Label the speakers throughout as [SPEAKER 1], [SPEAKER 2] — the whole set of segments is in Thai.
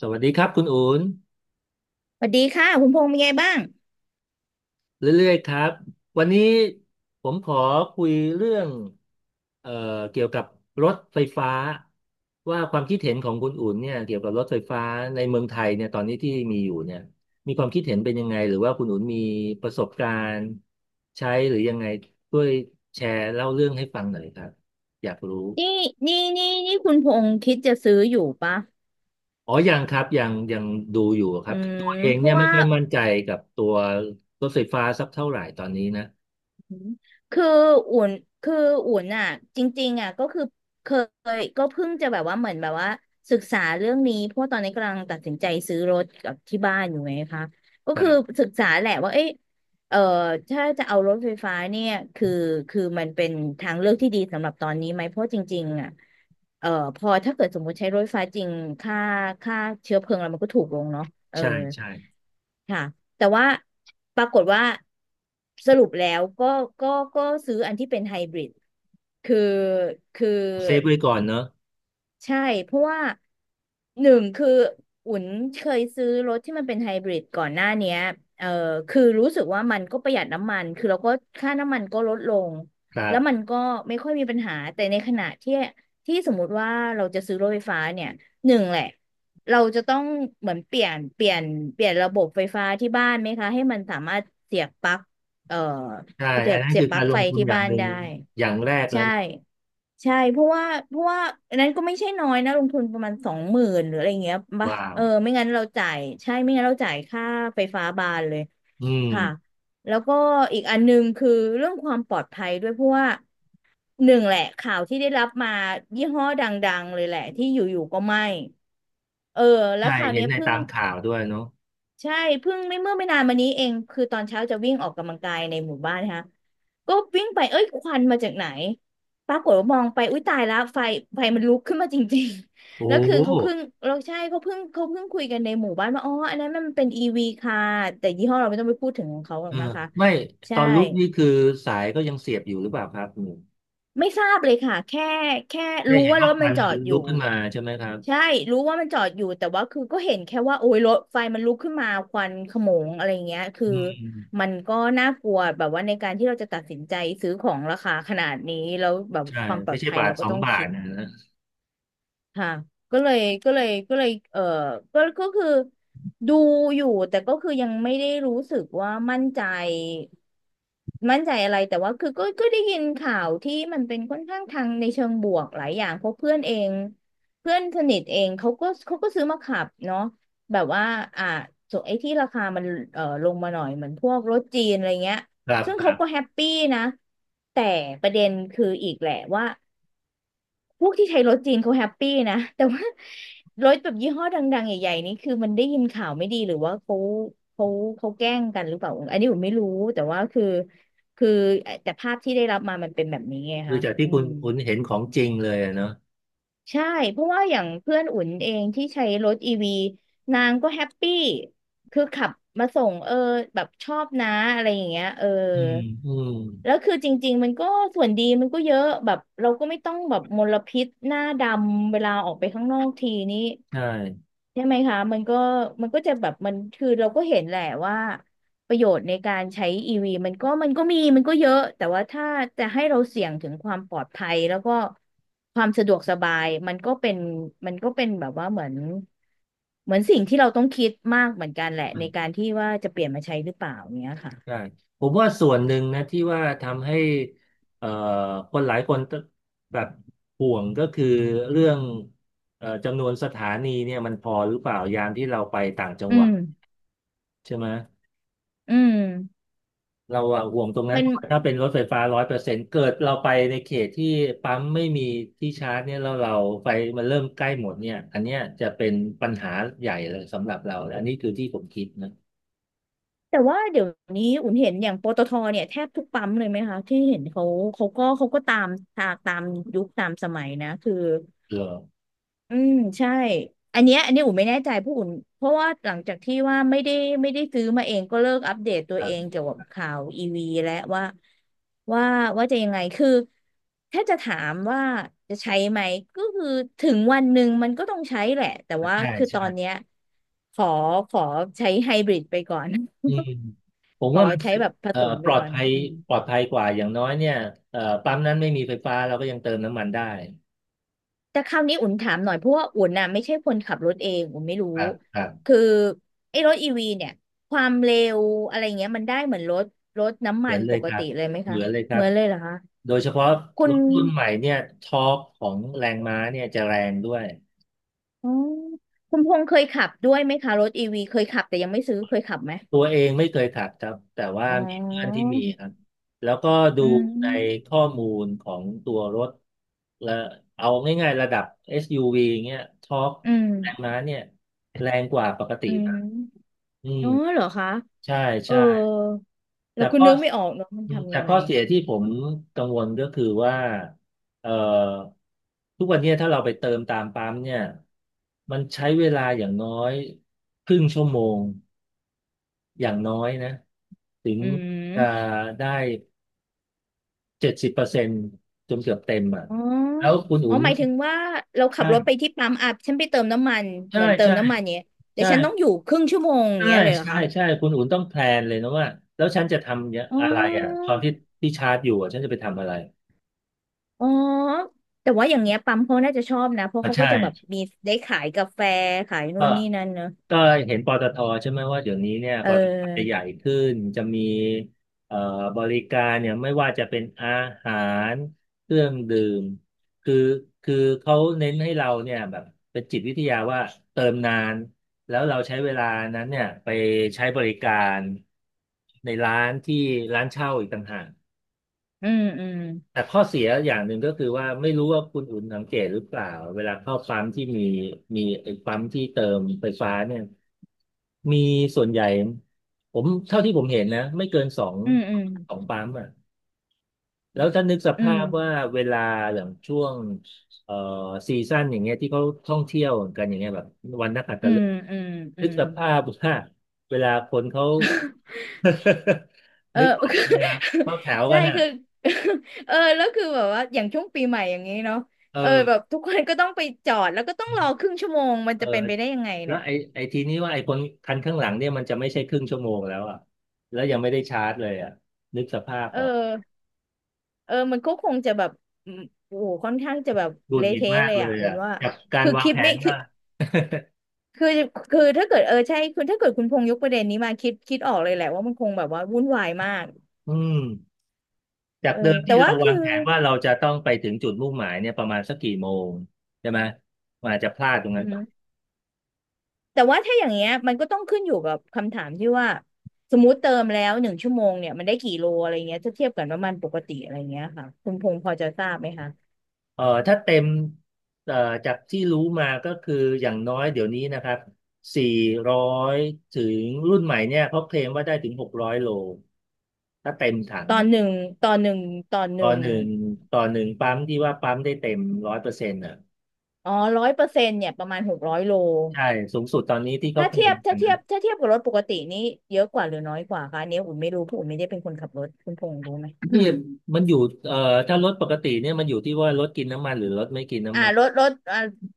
[SPEAKER 1] สวัสดีครับคุณอูน
[SPEAKER 2] สวัสดีค่ะคุณพงษ์เป็นไงบ้าง
[SPEAKER 1] เรื่อยๆครับ วันนี้ผมขอคุยเรื่องเอ่อเกี่ยวกับรถไฟฟ้าว่าความคิดเห็นของคุณอูนเนี่ยเกี่ยวกับรถไฟฟ้าในเมืองไทยเนี่ยตอนนี้ที่มีอยู่เนี่ยมีความคิดเห็นเป็นยังไงหรือว่าคุณอูนมีประสบการณ์ใช้หรือยังไงช่วยแชร์เล่าเรื่องให้ฟังหน่อยครับอยากรู้
[SPEAKER 2] นี่นี่คุณพงษ์คิดจะซื้ออยู่ปะ
[SPEAKER 1] อ๋อยังครับยังดูอยู่ค
[SPEAKER 2] อื
[SPEAKER 1] รับตั
[SPEAKER 2] ม
[SPEAKER 1] วเอง
[SPEAKER 2] เพ
[SPEAKER 1] เนี่
[SPEAKER 2] ราะ
[SPEAKER 1] ยไม่
[SPEAKER 2] ว่า
[SPEAKER 1] ค่อยมั่นใจกับตัวรถไฟฟ้าสักเท่าไหร่ตอนนี้น
[SPEAKER 2] อืมคืออุ่นคืออุ่นอ่ะจริงๆอ่ะก็คือเคยก็เพิ่งจะแบบว่าเหมือนแบบว่าศึกษาเรื่องนี้เพราะว่าตอนนี้กำลังตัดสินใจซื้อรถกับที่บ้านอยู่ไงคะก็คือ
[SPEAKER 1] ะ
[SPEAKER 2] ศึกษาแหละว่าเอ๊ะ เอ่อถ้าจะเอารถไฟฟ้าเนี่ยคือคือมันเป็นทางเลือกที่ดีสำหรับตอนนี้ไหมเพราะจริงๆอ่ะเอ่อพอถ้าเกิดสมมติใช้รถไฟฟ้าจริงค่าค่าเชื้อเพลิงอะไรมันก็ถูกลงเนาะเออ
[SPEAKER 1] ใช่ใช่
[SPEAKER 2] ค่ะแต่ว่าปรากฏว่าสรุปแล้วก็ก็ก็ซื้ออันที่เป็นไฮบริดคือคือ
[SPEAKER 1] เซฟไว้ก่อนเนอะ
[SPEAKER 2] ใช่เพราะว่าหนึ่งคืออุ่นเคยซื้อรถที่มันเป็นไฮบริดก่อนหน้าเนี้ยเออคือรู้สึกว่ามันก็ประหยัดน้ำมันคือเราก็ค่าน้ำมันก็ลดลง
[SPEAKER 1] ครั
[SPEAKER 2] แล้วมัน
[SPEAKER 1] บ
[SPEAKER 2] ก็ไม่ค่อยมีปัญหาแต่ในขณะที่สมมุติว่าเราจะซื้อรถไฟฟ้าเนี่ยหนึ่งแหละเราจะต้องเหมือนเปลี่ยนระบบไฟฟ้าที่บ้านไหมคะให้มันสามารถเสียบปลั๊กเอ่อ
[SPEAKER 1] ใช่
[SPEAKER 2] เสี
[SPEAKER 1] อั
[SPEAKER 2] ย
[SPEAKER 1] น
[SPEAKER 2] บ
[SPEAKER 1] นั้น
[SPEAKER 2] เสีย
[SPEAKER 1] คื
[SPEAKER 2] บ
[SPEAKER 1] อ
[SPEAKER 2] ป
[SPEAKER 1] กา
[SPEAKER 2] ลั๊ก
[SPEAKER 1] รล
[SPEAKER 2] ไฟ
[SPEAKER 1] งทุน
[SPEAKER 2] ที่
[SPEAKER 1] อย่า
[SPEAKER 2] บ้า
[SPEAKER 1] ง
[SPEAKER 2] น
[SPEAKER 1] หนึ่ง
[SPEAKER 2] ได้
[SPEAKER 1] อย่างแรกแล้ว
[SPEAKER 2] ใช่
[SPEAKER 1] นะ
[SPEAKER 2] เพราะว่าอันนั้นก็ไม่ใช่น้อยนะลงทุนประมาณ20,000หรืออะไรเงี้ยปะ
[SPEAKER 1] ว้าว
[SPEAKER 2] เออไม่งั้นเราจ่ายใช่ไม่งั้นเราจ่ายค่าไฟฟ้าบานเลย
[SPEAKER 1] อืม
[SPEAKER 2] ค่ะแล้วก็อีกอันหนึงคือเรื่องความปลอดภัยด้วยเพราะว่าหนึ่งแหละข่าวที่ได้รับมายี่ห้อดังๆเลยแหละที่อยู่ๆก็ไหม้เออแล้ว
[SPEAKER 1] ใช่
[SPEAKER 2] คราว
[SPEAKER 1] เห็น
[SPEAKER 2] เนี้ย
[SPEAKER 1] ใน
[SPEAKER 2] เพิ่
[SPEAKER 1] ตา
[SPEAKER 2] ง
[SPEAKER 1] มข่าวด้วยเนาะ
[SPEAKER 2] ใช่เพิ่งไม่เมื่อไม่นานมานี้เองคือตอนเช้าจะวิ่งออกกำลังกายในหมู่บ้านนะคะก็วิ่งไปเอ้ยควันมาจากไหนปรากฏว่ามองไปอุ้ยตายแล้วไฟมันลุกขึ้นมาจริงๆ
[SPEAKER 1] โอ้
[SPEAKER 2] แล้วคือ
[SPEAKER 1] โห
[SPEAKER 2] เขาเพิ่งเราใช่เขาเพิ่งคุยกันในหมู่บ้านว่าอ๋ออันนั้นมันเป็นอีวีค่ะแต่ยี่ห้อเราไม่ต้องไปพูดถึงของเขาหร
[SPEAKER 1] เอ
[SPEAKER 2] อก
[SPEAKER 1] อ
[SPEAKER 2] นะคะ
[SPEAKER 1] ไม่ต
[SPEAKER 2] ใช่
[SPEAKER 1] อนลุกนี่คือสายก็ยังเสียบอยู่หรือเปล่าครับหนู
[SPEAKER 2] ไม่ทราบเลยค่ะแค่แค่
[SPEAKER 1] ได้
[SPEAKER 2] รู้
[SPEAKER 1] เห็น
[SPEAKER 2] ว่าร
[SPEAKER 1] ว่า
[SPEAKER 2] ถมั
[SPEAKER 1] มั
[SPEAKER 2] น
[SPEAKER 1] น
[SPEAKER 2] จอ
[SPEAKER 1] มัน
[SPEAKER 2] ดอ
[SPEAKER 1] ลุก
[SPEAKER 2] ยู่
[SPEAKER 1] ขึ้นมาใช่ไหมครับ
[SPEAKER 2] ใช่รู้ว่ามันจอดอยู่แต่ว่าคือก็เห็นแค่ว่าโอ้ยรถไฟมันลุกขึ้นมาควันโขโมงอะไรเงี้ยคือ
[SPEAKER 1] อืม
[SPEAKER 2] มันก็น่ากลัวแบบว่าในการที่เราจะตัดสินใจซื้อของราคาขนาดนี้แล้วแบบ
[SPEAKER 1] ใช่
[SPEAKER 2] ความปลอ
[SPEAKER 1] ไม่
[SPEAKER 2] ด
[SPEAKER 1] ใช่
[SPEAKER 2] ภัย
[SPEAKER 1] บา
[SPEAKER 2] เรา
[SPEAKER 1] ทส
[SPEAKER 2] ก็
[SPEAKER 1] อง
[SPEAKER 2] ต้อง
[SPEAKER 1] บาท
[SPEAKER 2] คิด
[SPEAKER 1] นะนะ
[SPEAKER 2] ค่ะก็เลยเออก็คือดูอยู่แต่ก็คือยังไม่ได้รู้สึกว่ามั่นใจอะไรแต่ว่าคือก็ได้ยินข่าวที่มันเป็นค่อนข้างทางในเชิงบวกหลายอย่างเพราะเพื่อนเองเพื่อนสนิทเองเขาก็ซื้อมาขับเนาะแบบว่าอ่าส่วนไอ้ที่ราคามันเออลงมาหน่อยเหมือนพวกรถจีนอะไรเงี้ย
[SPEAKER 1] ครับ
[SPEAKER 2] ซึ่ง
[SPEAKER 1] ค
[SPEAKER 2] เขา
[SPEAKER 1] รับ
[SPEAKER 2] ก็แฮปปี้นะแต่ประเด็นคืออีกแหละว่า พวกที่ใช้รถจีนเขาแฮปปี้นะแต่ว่ารถแบบยี่ห้อดังๆใหญ่ๆนี่คือมันได้ยินข่าวไม่ดีหรือว่าเขาเขาแกล้งกันหรือเปล่าอันนี้ผมไม่รู้แต่ว่าคือแต่ภาพที่ได้รับมามันเป็นแบบนี้ไง
[SPEAKER 1] คือ
[SPEAKER 2] คะ
[SPEAKER 1] จากที่
[SPEAKER 2] อื
[SPEAKER 1] คุณ
[SPEAKER 2] ม
[SPEAKER 1] คุณเห็นของจริงเลยอะเนาะ
[SPEAKER 2] ใช่เพราะว่าอย่างเพื่อนอุ่นเองที่ใช้รถอีวีนางก็แฮปปี้คือขับมาส่งเออแบบชอบนะอะไรอย่างเงี้ยเออ
[SPEAKER 1] อืมอืม
[SPEAKER 2] แล้วคือจริงๆมันก็ส่วนดีมันก็เยอะแบบเราก็ไม่ต้องแบบมลพิษหน้าดำเวลาออกไปข้างนอกทีนี้
[SPEAKER 1] ใช่
[SPEAKER 2] ใช่ไหมคะมันก็จะแบบมันคือเราก็เห็นแหละว่าประโยชน์ในการใช้อีวีมันก็มีมันก็เยอะแต่ว่าถ้าจะให้เราเสี่ยงถึงความปลอดภัยแล้วก็ความสะดวกสบายมันก็เป็นแบบว่าเหมือนสิ่งที่เราต้องคิดมากเหมือนกันแหละในการที่ว่าจะเปลี่ยนมาใช้หรือเปล่าเนี้ยค่ะ
[SPEAKER 1] ใช่ผมว่าส่วนหนึ่งนะที่ว่าทำให้เอ่อคนหลายคนแบบห่วงก็คือเรื่องจำนวนสถานีเนี่ยมันพอหรือเปล่ายามที่เราไปต่างจัง
[SPEAKER 2] อื
[SPEAKER 1] หวัด
[SPEAKER 2] ม
[SPEAKER 1] ใช่ไหม
[SPEAKER 2] อืม
[SPEAKER 1] เราอะห่วงตรงนั้น
[SPEAKER 2] มัน
[SPEAKER 1] เพราะว่าถ้าเป็นรถไฟฟ้าร้อยเปอร์เซ็นต์เกิดเราไปในเขตที่ปั๊มไม่มีที่ชาร์จเนี่ยแล้วเราไฟมันเริ่มใกล้หมดเนี่ยอันเนี้ยจะเป็นปัญหาใหญ่เลยสำหรับเราและอันนี้คือที่ผมคิดนะ
[SPEAKER 2] แต่ว่าเดี๋ยวนี้อุ่นเห็นอย่างปตทเนี่ยแทบทุกปั๊มเลยไหมคะที่เห็นเขาเขาก็ตามยุคตามสมัยนะคือ
[SPEAKER 1] เออ
[SPEAKER 2] อืมใช่อันนี้อุ่นไม่แน่ใจเพราะอุ่นเพราะว่าหลังจากที่ว่าไม่ได้ซื้อมาเองก็เลิกอัปเดตตัว
[SPEAKER 1] ครั
[SPEAKER 2] เอง
[SPEAKER 1] บ
[SPEAKER 2] เกี่ยวกับข่าวอีวีและว่าว่าว่าจะยังไงคือถ้าจะถามว่าจะใช้ไหมก็คือถึงวันหนึ่งมันก็ต้องใช้แหละแต่ว่า
[SPEAKER 1] ใช่
[SPEAKER 2] คือต
[SPEAKER 1] ใช่
[SPEAKER 2] อนเนี้ยขอขอใช้ไฮบริดไปก่อน
[SPEAKER 1] อืมผม
[SPEAKER 2] ขอ
[SPEAKER 1] ว่ามัน
[SPEAKER 2] ใช้แบบผสม
[SPEAKER 1] ป
[SPEAKER 2] ไป
[SPEAKER 1] ลอด
[SPEAKER 2] ก่อน
[SPEAKER 1] ภัย
[SPEAKER 2] อืม
[SPEAKER 1] ปลอดภัยกว่าอย่างน้อยเนี่ยปั๊มนั้นไม่มีไฟฟ้าเราก็ยังเติมน้ำมันได้
[SPEAKER 2] แต่คราวนี้อุ่นถามหน่อยเพราะว่าอุ่นน่ะไม่ใช่คนขับรถเองอุ่นไม่รู้
[SPEAKER 1] ครับครับ
[SPEAKER 2] คือไอ้รถอีวีเนี่ยความเร็วอะไรเงี้ยมันได้เหมือนรถน้ำ
[SPEAKER 1] เห
[SPEAKER 2] มั
[SPEAKER 1] มือ
[SPEAKER 2] น
[SPEAKER 1] นเล
[SPEAKER 2] ป
[SPEAKER 1] ย
[SPEAKER 2] ก
[SPEAKER 1] ครั
[SPEAKER 2] ติ
[SPEAKER 1] บ
[SPEAKER 2] เลยไหม
[SPEAKER 1] เห
[SPEAKER 2] คะ
[SPEAKER 1] มือนเลยค
[SPEAKER 2] เห
[SPEAKER 1] รั
[SPEAKER 2] มื
[SPEAKER 1] บ
[SPEAKER 2] อนเลยเหรอคะ
[SPEAKER 1] โดยเฉพาะ
[SPEAKER 2] คุ
[SPEAKER 1] ร
[SPEAKER 2] ณ
[SPEAKER 1] ถรุ่นใหม่เนี่ยทอร์กของแรงม้าเนี่ยจะแรงด้วย
[SPEAKER 2] อ๋อคุณพงษ์เคยขับด้วยไหมคะรถอีวีเคยขับแต่ยังไม่ซื้อเคยขับไหม
[SPEAKER 1] ตัวเองไม่เคยขับครับแต่ว่า
[SPEAKER 2] อ๋
[SPEAKER 1] มีเพื่อนที่
[SPEAKER 2] อ
[SPEAKER 1] มีครับแล้วก็ดู
[SPEAKER 2] อื
[SPEAKER 1] ใน
[SPEAKER 2] ม
[SPEAKER 1] ข้อมูลของตัวรถและเอาง่ายๆระดับ SUV เงี้ยทอร์ก
[SPEAKER 2] อื
[SPEAKER 1] แรงม้า
[SPEAKER 2] ม
[SPEAKER 1] เนี่ยแรงกว่าปกติ
[SPEAKER 2] อื
[SPEAKER 1] นะ
[SPEAKER 2] ม
[SPEAKER 1] อืม
[SPEAKER 2] อ๋อเหรอคะ
[SPEAKER 1] ใช่
[SPEAKER 2] เออ
[SPEAKER 1] ใช่
[SPEAKER 2] แล้
[SPEAKER 1] แต่
[SPEAKER 2] วคุณ
[SPEAKER 1] ข้อ
[SPEAKER 2] นึกไม่ออกเนาะมันทำ
[SPEAKER 1] แต่
[SPEAKER 2] ยังไง
[SPEAKER 1] ข้อเสียที่ผมกังวลก็คือว่าเอ่อทุกวันเนี้ยถ้าเราไปเติมตามปั๊มเนี่ยมันใช้เวลาอย่างน้อยครึ่งชั่วโมงอย่างน้อยนะถึง
[SPEAKER 2] อื
[SPEAKER 1] จะ
[SPEAKER 2] ม
[SPEAKER 1] ได้70%จนเกือบเต็มอ่ะ
[SPEAKER 2] อ๋อ
[SPEAKER 1] แล้วคุณ
[SPEAKER 2] อ๋
[SPEAKER 1] อุ่
[SPEAKER 2] อ
[SPEAKER 1] น
[SPEAKER 2] หมายถึงว่าเราขับ
[SPEAKER 1] ใช่
[SPEAKER 2] รถไปที่ปั๊มอ่ะฉันไปเติมน้ำมัน
[SPEAKER 1] ใช่
[SPEAKER 2] เหมือนเติม
[SPEAKER 1] ใช่
[SPEAKER 2] น้ำมันเนี้ยแต่
[SPEAKER 1] ใช่
[SPEAKER 2] ฉันต้องอยู่ครึ่งชั่วโมงอย่าง
[SPEAKER 1] ใช่
[SPEAKER 2] เงี้ยเลยเหรอคะ
[SPEAKER 1] ใช่คุณอุ่นต้องแพลนเลยนะว่าแล้วฉันจะท
[SPEAKER 2] อ๋
[SPEAKER 1] ำอะไรอ่ะ
[SPEAKER 2] อ
[SPEAKER 1] ตอนที่ที่ชาร์จอยู่อะฉันจะไปทำอะไร
[SPEAKER 2] อ๋อแต่ว่าอย่างเงี้ยปั๊มเขาน่าจะชอบนะ เพราะ
[SPEAKER 1] อ่ะ
[SPEAKER 2] เขาก็
[SPEAKER 1] ใช่
[SPEAKER 2] จะแบบมีได้ขายกาแฟขายนู่
[SPEAKER 1] ก็
[SPEAKER 2] นนี่นั่นเนอะ
[SPEAKER 1] ก็เห็นปตทใช่ไหมว่าเดี๋ยวนี้เนี่ย
[SPEAKER 2] เ
[SPEAKER 1] ปตทจะให
[SPEAKER 2] ออ
[SPEAKER 1] ญ่ขึ้นจะมีเอ่อบริการเนี่ยไม่ว่าจะเป็นอาหารเครื่องดื่มคือคือเขาเน้นให้เราเนี่ยแบบเป็นจิตวิทยาว่าเติมนานแล้วเราใช้เวลานั้นเนี่ยไปใช้บริการในร้านที่ร้านเช่าอีกต่างหาก
[SPEAKER 2] อืมอืม
[SPEAKER 1] แต่ข้อเสียอย่างหนึ่งก็คือว่าไม่รู้ว่าคุณอุ่นสังเกตหรือเปล่าเวลาเข้าปั๊มที่มีไอ้ปั๊มที่เติมไฟฟ้าเนี่ยมีส่วนใหญ่ผมเท่าที่ผมเห็นนะไม่เกินสอง
[SPEAKER 2] อืมอืม
[SPEAKER 1] สองปั๊มอ่ะแล้วถ้านึกส
[SPEAKER 2] อื
[SPEAKER 1] ภา
[SPEAKER 2] ม
[SPEAKER 1] พว่าเวลาอย่างช่วงเอ่อซีซั่นอย่างเงี้ยที่เขาท่องเที่ยวกันอย่างเงี้ยแบบวันนักขัต
[SPEAKER 2] อื
[SPEAKER 1] ฤก
[SPEAKER 2] ม
[SPEAKER 1] ษ์
[SPEAKER 2] อืมอื
[SPEAKER 1] นึก
[SPEAKER 2] ม
[SPEAKER 1] สภาพว่าเวลาคนเขา
[SPEAKER 2] เอ อ
[SPEAKER 1] นึก ออกใช่ไหมครับเข้าแถว
[SPEAKER 2] ใช่
[SPEAKER 1] กันอ่ะ
[SPEAKER 2] คือ เออแล้วคือแบบว่าอย่างช่วงปีใหม่อย่างนี้เนาะ
[SPEAKER 1] เอ
[SPEAKER 2] เออแบบ
[SPEAKER 1] อ
[SPEAKER 2] ทุกคนก็ต้องไปจอดแล้วก็ต้องรอครึ่งชั่วโมงมัน
[SPEAKER 1] เออ
[SPEAKER 2] จะเป็นไปได้ยังไง
[SPEAKER 1] แล้
[SPEAKER 2] เนี่
[SPEAKER 1] ว
[SPEAKER 2] ย
[SPEAKER 1] ไอ้ทีนี้ว่าไอ้คนคันข้างหลังเนี่ยมันจะไม่ใช่ครึ่งชั่วโมงแล้วอ่ะแล้วยังไม่ได้ชาร์จเลยอ่ะนึกสภาพ
[SPEAKER 2] เออ
[SPEAKER 1] ออก
[SPEAKER 2] เออมันก็คงจะแบบอืมโอ้โหค่อนข้างจะแบบ
[SPEAKER 1] หงุด
[SPEAKER 2] เละ
[SPEAKER 1] หงิด
[SPEAKER 2] เทะ
[SPEAKER 1] มาก
[SPEAKER 2] เลย
[SPEAKER 1] เล
[SPEAKER 2] อ่ะ
[SPEAKER 1] ย
[SPEAKER 2] อุ่น
[SPEAKER 1] อ่ะ
[SPEAKER 2] ว่า
[SPEAKER 1] จากการ
[SPEAKER 2] คือ
[SPEAKER 1] วาง
[SPEAKER 2] คิด
[SPEAKER 1] แผ
[SPEAKER 2] ไม่
[SPEAKER 1] น
[SPEAKER 2] คือ
[SPEAKER 1] ว่า
[SPEAKER 2] คือคือถ้าเกิดเออใช่คุณถ้าเกิดคุณพงษ์ยกประเด็นนี้มาคิดออกเลยแหละว่ามันคงแบบว่าวุ่นวายมาก
[SPEAKER 1] อืมจา
[SPEAKER 2] เอ
[SPEAKER 1] ก
[SPEAKER 2] อ
[SPEAKER 1] เดิม
[SPEAKER 2] แต่
[SPEAKER 1] ที่เรา
[SPEAKER 2] ว่าคื
[SPEAKER 1] วา
[SPEAKER 2] อ
[SPEAKER 1] งแผนว่าเราจะต้องไปถึงจุดมุ่งหมายเนี่ยประมาณสักกี่โมงใช่ไหมมันอาจจะพลาดตรง
[SPEAKER 2] อื
[SPEAKER 1] นั้นไป
[SPEAKER 2] ม แต่ว่าถ้าอย่างเงี้ยมันก็ต้องขึ้นอยู่กับคำถามที่ว่าสมมติเติมแล้ว1 ชั่วโมงเนี่ยมันได้กี่โลอะไรเงี้ยถ้าเทียบกับน้ำมันปกติอะไรเงี้ยค่ะคุณพงษ์พอจะทราบไหมคะ
[SPEAKER 1] เออถ้าเต็มเอ่อจากที่รู้มาก็คืออย่างน้อยเดี๋ยวนี้นะครับสี่ร้อยถึงรุ่นใหม่เนี่ยเขาเคลมว่าได้ถึง600 กม.ถ้าเต็มถัง
[SPEAKER 2] ตอนหนึ่งตอนหนึ่งตอนห
[SPEAKER 1] ต่
[SPEAKER 2] นึ่
[SPEAKER 1] อ
[SPEAKER 2] ง
[SPEAKER 1] หนึ่งต่อหนึ่งปั๊มที่ว่าปั๊มได้เต็มร้อยเปอร์เซ็นต์อ่ะ
[SPEAKER 2] อ๋อ100%เนี่ยประมาณหกร้อยโล
[SPEAKER 1] ใช่สูงสุดตอนนี้ที่เขา
[SPEAKER 2] ถ้า
[SPEAKER 1] เคล
[SPEAKER 2] เทียบ
[SPEAKER 1] มกั
[SPEAKER 2] ถ้า
[SPEAKER 1] น
[SPEAKER 2] เทีย
[SPEAKER 1] นะ
[SPEAKER 2] บถ้าเทียบกับรถปกตินี่เยอะกว่าหรือน้อยกว่าคะอันนี้อุ่นไม่รู้เพราะอุ่นไม่ได้เป็นคนขับรถคุณพงษ์รู้ไหม
[SPEAKER 1] นี่มันอยู่เอ่อถ้ารถปกติเนี่ยมันอยู่ที่ว่ารถกินน้ำมันหรือรถไม่กิน
[SPEAKER 2] อ่า
[SPEAKER 1] น้ำมัน
[SPEAKER 2] รถอ่า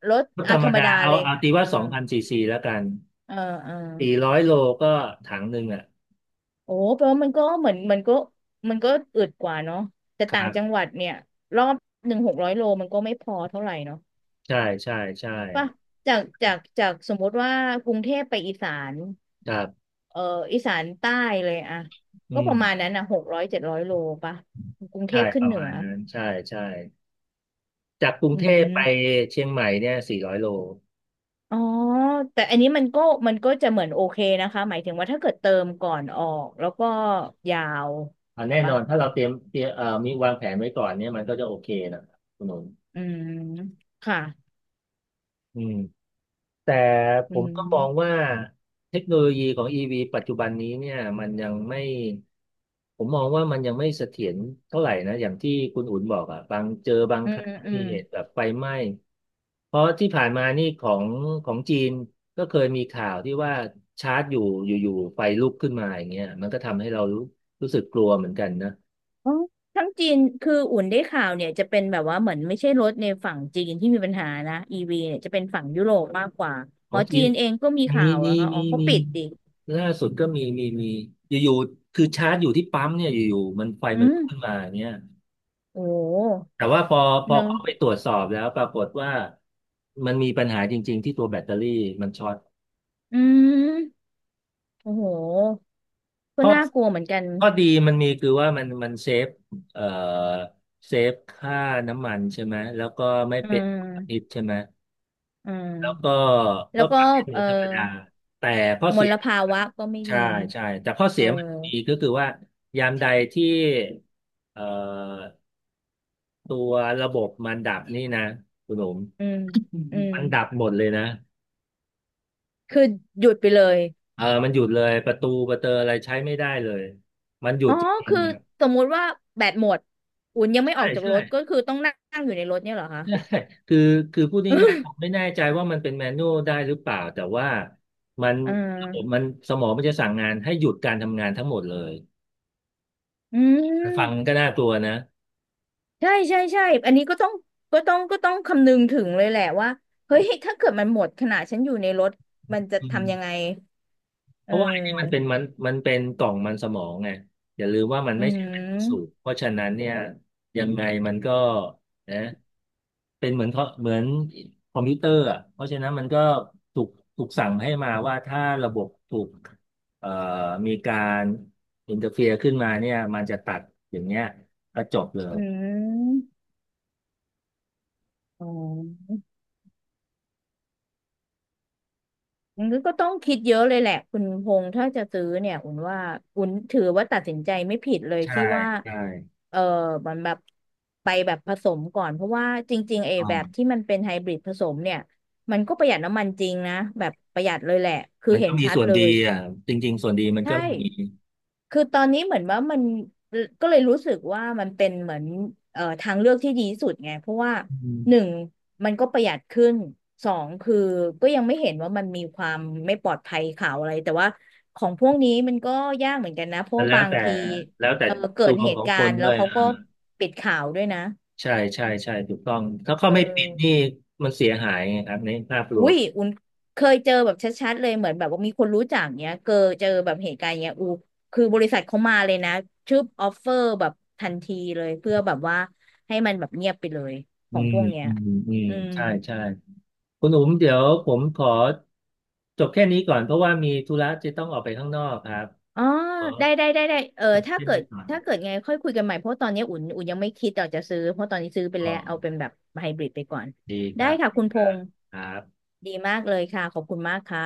[SPEAKER 2] รถ
[SPEAKER 1] รถธ
[SPEAKER 2] อ่า
[SPEAKER 1] รร
[SPEAKER 2] ธ
[SPEAKER 1] ม
[SPEAKER 2] รรม
[SPEAKER 1] ดา
[SPEAKER 2] ดา
[SPEAKER 1] เอา
[SPEAKER 2] เลย
[SPEAKER 1] เอาตี
[SPEAKER 2] เอ
[SPEAKER 1] ว่า
[SPEAKER 2] อ
[SPEAKER 1] 2000 ซีซีแล้วกัน
[SPEAKER 2] เออเออ
[SPEAKER 1] สี่ร้อยโลก็ถังหนึ่งอ่ะ
[SPEAKER 2] โอ้แปลว่ามันก็เหมือนมันก็มันก็อึดกว่าเนาะแต่
[SPEAKER 1] ค
[SPEAKER 2] ต่า
[SPEAKER 1] รั
[SPEAKER 2] งจัง
[SPEAKER 1] บ
[SPEAKER 2] หวัดเนี่ยรอบหนึ่งหกร้อยโลมันก็ไม่พอเท่าไหร่เนาะ
[SPEAKER 1] ใช่ใช่ใช่
[SPEAKER 2] ป่ะจากสมมติว่ากรุงเทพไปอีสาน
[SPEAKER 1] ครับ
[SPEAKER 2] เอ่ออีสานใต้เลยอะ
[SPEAKER 1] อื
[SPEAKER 2] ก็
[SPEAKER 1] ม
[SPEAKER 2] ประมาณนั้นอะ600 700 โลป่ะกรุงเท
[SPEAKER 1] ใช่
[SPEAKER 2] พ
[SPEAKER 1] ป
[SPEAKER 2] ขึ้น
[SPEAKER 1] ระ
[SPEAKER 2] เหนื
[SPEAKER 1] มา
[SPEAKER 2] อ
[SPEAKER 1] ณนั้นใช่ใช่จากกรุง
[SPEAKER 2] อื
[SPEAKER 1] เทพไป
[SPEAKER 2] ม
[SPEAKER 1] เชียงใหม่เนี่ยสี่ร้อยโล
[SPEAKER 2] อ๋อแต่อันนี้มันก็มันก็จะเหมือนโอเคนะคะหมายถึงว่าถ้าเกิดเติมก่อนออกแล้วก็ยาว
[SPEAKER 1] อ่ะแน่น
[SPEAKER 2] ป่ะ
[SPEAKER 1] อนถ้าเราเตรียมเตรียมมีวางแผนไว้ก่อนเนี่ยมันก็จะโอเคนะคุณหนุน
[SPEAKER 2] อืมค่ะ
[SPEAKER 1] อืม แต่ผ
[SPEAKER 2] อื
[SPEAKER 1] มก็มอง
[SPEAKER 2] ม
[SPEAKER 1] ว่าเทคโนโลยีของ EV ปัจจุบันนี้เนี่ยมันยังไม่ผมมองว่ามันยังไม่เสถียรเท่าไหร่นะอย่างที่คุณอุ่นบอกอ่ะบาง
[SPEAKER 2] อื
[SPEAKER 1] ค
[SPEAKER 2] ม
[SPEAKER 1] รั้ง
[SPEAKER 2] อื
[SPEAKER 1] มี
[SPEAKER 2] ม
[SPEAKER 1] เหตุแบบไฟไหม้เพราะที่ผ่านมานี่ของจีนก็เคยมีข่าวที่ว่าชาร์จอยู่อยู่ๆไฟลุกขึ้นมาอย่างเงี้ยมันก็ทำให้เรารู้สึกกลัวเหมือนกันนะ
[SPEAKER 2] อ๋อทั้งจีนคืออุ่นได้ข่าวเนี่ยจะเป็นแบบว่าเหมือนไม่ใช่รถในฝั่งจีนที่มีปัญหานะอีวีเนี่ยจะเป็นฝั่งยุโรปมากกว่า
[SPEAKER 1] ข
[SPEAKER 2] อ๋
[SPEAKER 1] อ
[SPEAKER 2] อ
[SPEAKER 1] งจี
[SPEAKER 2] จี
[SPEAKER 1] น
[SPEAKER 2] นเองก็มีข่า
[SPEAKER 1] มี
[SPEAKER 2] ว
[SPEAKER 1] มี
[SPEAKER 2] แล้วค่ะอ๋
[SPEAKER 1] มี
[SPEAKER 2] อเขา
[SPEAKER 1] มี
[SPEAKER 2] ปิดดิ
[SPEAKER 1] ล่าสุดก็มีอยู่ๆคือชาร์จอยู่ที่ปั๊มเนี่ยอยู่ๆมันไฟ
[SPEAKER 2] อื
[SPEAKER 1] มัน
[SPEAKER 2] ม
[SPEAKER 1] ลุกขึ้นมาเนี่ย
[SPEAKER 2] โอ้โห
[SPEAKER 1] แต่ว่าพอ
[SPEAKER 2] เนอะ
[SPEAKER 1] เขาไปตรวจสอบแล้วปรากฏว่ามันมีปัญหาจริงๆที่ตัวแบตเตอรี่มันช็อต
[SPEAKER 2] อืมโอ้โหก็
[SPEAKER 1] ข้อ
[SPEAKER 2] น่ากลัวเหมือนกัน
[SPEAKER 1] ข้อดีมันมีคือว่ามันเซฟเอ่อเซฟค่าน้ำมันใช่ไหมแล้วก็ไม่
[SPEAKER 2] อื
[SPEAKER 1] เป็นพิษ
[SPEAKER 2] ม
[SPEAKER 1] ใช่ไหม
[SPEAKER 2] อื
[SPEAKER 1] แล้วก็
[SPEAKER 2] มแล้
[SPEAKER 1] ก็
[SPEAKER 2] ว
[SPEAKER 1] ป
[SPEAKER 2] ก็
[SPEAKER 1] รับให้เหมื
[SPEAKER 2] เอ
[SPEAKER 1] อ
[SPEAKER 2] อ
[SPEAKER 1] นธรรมดาแต่ข้อ
[SPEAKER 2] ม
[SPEAKER 1] เสีย
[SPEAKER 2] ล
[SPEAKER 1] ม
[SPEAKER 2] ภาวะก็ไม่ดี
[SPEAKER 1] ใช่ใช่แต่ข้อเสี
[SPEAKER 2] เอ
[SPEAKER 1] ยมันมี
[SPEAKER 2] อ
[SPEAKER 1] ก็คือว่ายามใดที่เอ่อตัวระบบมันดับนี่นะคุณหนุ่ม
[SPEAKER 2] อืมอืม
[SPEAKER 1] มันดับหมดเลยนะ
[SPEAKER 2] คือหยุดไปเลย
[SPEAKER 1] เออมันหยุดเลยประตูประเตออะไรใช้ไม่ได้เลยมันหยุ
[SPEAKER 2] อ๋
[SPEAKER 1] ด
[SPEAKER 2] อ
[SPEAKER 1] จริง
[SPEAKER 2] คือ
[SPEAKER 1] ๆครับ
[SPEAKER 2] สมมุติว่าแบตหมดอุ่นยังไม่อ
[SPEAKER 1] ใช่
[SPEAKER 2] อกจาก
[SPEAKER 1] ใช่
[SPEAKER 2] ร ถก็คือต้องนั่งอยู่ในรถเนี่ยเหรอคะ
[SPEAKER 1] ใช่คือคือพูดง่ายๆผม ไม่แน่ใจว่ามันเป็นแมนนวลได้หรือเปล่าแต่ว่ามัน
[SPEAKER 2] อ่
[SPEAKER 1] ระบบ
[SPEAKER 2] า
[SPEAKER 1] มันสมองมันจะสั่งงานให้หยุดการทำงานทั้งหมดเลย
[SPEAKER 2] อื
[SPEAKER 1] ฟัง
[SPEAKER 2] ม
[SPEAKER 1] ก็น่ากลัวนะ
[SPEAKER 2] ใช่ ใช่ใช่อันนี้ก็ต้องก็ต้องคำนึงถึงเลยแหละว่า เฮ้ยถ้าเกิดมันหมดขณะฉันอยู่ในรถ มันจะ
[SPEAKER 1] อื
[SPEAKER 2] ทำยัง
[SPEAKER 1] ม
[SPEAKER 2] ไง
[SPEAKER 1] เพ
[SPEAKER 2] เ
[SPEAKER 1] ราะว่าไอ้นี่มันเป็
[SPEAKER 2] ออ
[SPEAKER 1] นมันเป็นกล่องมันสมองไงอย่าลืมว่ามัน
[SPEAKER 2] อื
[SPEAKER 1] ไม่ใช่เป็นสู
[SPEAKER 2] ม
[SPEAKER 1] บเพราะฉะนั้นเนี่ยยังไงมันก็นะเป็นเหมือนเขาเหมือนคอมพิวเตอร์อ่ะเพราะฉะนั้นมันก็ถูกถูกสั่งให้มาว่าถ้าระบบถูกเอ่อมีการอินเตอร์เฟียขึ้นมาเนี่ยมันจะตัดอย่างเงี้ยก็จบเลย
[SPEAKER 2] อืมอ๋อ มันก็ต้องคิดเยอะเลยแหละคุณพงษ์ถ้าจะซื้อเนี่ยอุ่นว่าอุ่นถือว่าตัดสินใจไม่ผิดเลย
[SPEAKER 1] ใช่
[SPEAKER 2] ที่ว่า
[SPEAKER 1] ใช่
[SPEAKER 2] เออมันแบบไปแบบผสมก่อนเพราะว่าจริงๆไอ้แบบที่
[SPEAKER 1] อ่า
[SPEAKER 2] มันเป็นไฮบริดผสมเนี่ยมันก็ประหยัดน้ำมันจริงนะแบบประหยัดเลยแหละคือ
[SPEAKER 1] มัน
[SPEAKER 2] เห็
[SPEAKER 1] ก็
[SPEAKER 2] น
[SPEAKER 1] มี
[SPEAKER 2] ชัด
[SPEAKER 1] ส่วน
[SPEAKER 2] เล
[SPEAKER 1] ดี
[SPEAKER 2] ย
[SPEAKER 1] อ่ะจริงๆส่วนดีมัน
[SPEAKER 2] ใช่
[SPEAKER 1] ก็มี
[SPEAKER 2] คือตอนนี้เหมือนว่ามันก็เลยรู้สึกว่ามันเป็นเหมือนเอ่อทางเลือกที่ดีที่สุดไงเพราะว่า
[SPEAKER 1] อื
[SPEAKER 2] หนึ่ง
[SPEAKER 1] ม
[SPEAKER 2] มันก็ประหยัดขึ้นสองคือก็ยังไม่เห็นว่ามันมีความไม่ปลอดภัยข่าวอะไรแต่ว่าของพวกนี้มันก็ยากเหมือนกันนะเพราะ
[SPEAKER 1] มัน
[SPEAKER 2] ว่า
[SPEAKER 1] แล้ว
[SPEAKER 2] บาง
[SPEAKER 1] แต่
[SPEAKER 2] ที
[SPEAKER 1] แล้วแต่
[SPEAKER 2] เออเกิ
[SPEAKER 1] ด
[SPEAKER 2] ด
[SPEAKER 1] วง
[SPEAKER 2] เห
[SPEAKER 1] ขอ
[SPEAKER 2] ตุ
[SPEAKER 1] ง
[SPEAKER 2] กา
[SPEAKER 1] คน
[SPEAKER 2] รณ์
[SPEAKER 1] ด้
[SPEAKER 2] แล้
[SPEAKER 1] ว
[SPEAKER 2] ว
[SPEAKER 1] ย
[SPEAKER 2] เขา
[SPEAKER 1] อ่า
[SPEAKER 2] ก็ปิดข่าวด้วยนะ
[SPEAKER 1] ใช่ใช่ใช่ถูกต้องถ้าเขา
[SPEAKER 2] เอ
[SPEAKER 1] ไม่ปิดนี่
[SPEAKER 2] อ
[SPEAKER 1] มันเสียหายไงครับในภาพร
[SPEAKER 2] อุ้
[SPEAKER 1] วม
[SPEAKER 2] ยอุ่นเคยเจอแบบชัดๆเลยเหมือนแบบว่ามีคนรู้จักเนี้ยเกอเจอแบบเหตุการณ์เนี้ยอูคือบริษัทเขามาเลยนะชื่อออฟเฟอร์แบบทันทีเลยเพื่อแบบว่าให้มันแบบเงียบไปเลยข
[SPEAKER 1] อื
[SPEAKER 2] อง
[SPEAKER 1] ม
[SPEAKER 2] พวกเนี้ย
[SPEAKER 1] อืมอืม
[SPEAKER 2] อืม
[SPEAKER 1] ใช่ใช่คุณอุ๋มเดี๋ยวผมขอจบแค่นี้ก่อนเพราะว่ามีธุระจะต้องออกไปข้างนอกครับ
[SPEAKER 2] อ๋อ
[SPEAKER 1] ขอ
[SPEAKER 2] ได้เออ
[SPEAKER 1] จบ
[SPEAKER 2] ถ้า
[SPEAKER 1] แค่
[SPEAKER 2] เกิด
[SPEAKER 1] นี้ก่อน
[SPEAKER 2] ไงค่อยคุยกันใหม่ เพราะตอนนี้อุ่นยังไม่คิดอยากจะซื้อ เพราะตอนนี้ซื้อไป
[SPEAKER 1] อ๋อ
[SPEAKER 2] แล้วเอาเป็นแบบไฮบริดไปก่อน
[SPEAKER 1] ดีค
[SPEAKER 2] ได้
[SPEAKER 1] รับ
[SPEAKER 2] ค่ะ
[SPEAKER 1] ดี
[SPEAKER 2] คุณ
[SPEAKER 1] ค
[SPEAKER 2] พ
[SPEAKER 1] รับ
[SPEAKER 2] งษ์
[SPEAKER 1] ครับ
[SPEAKER 2] ดีมากเลยค่ะ ขอบคุณมากค่ะ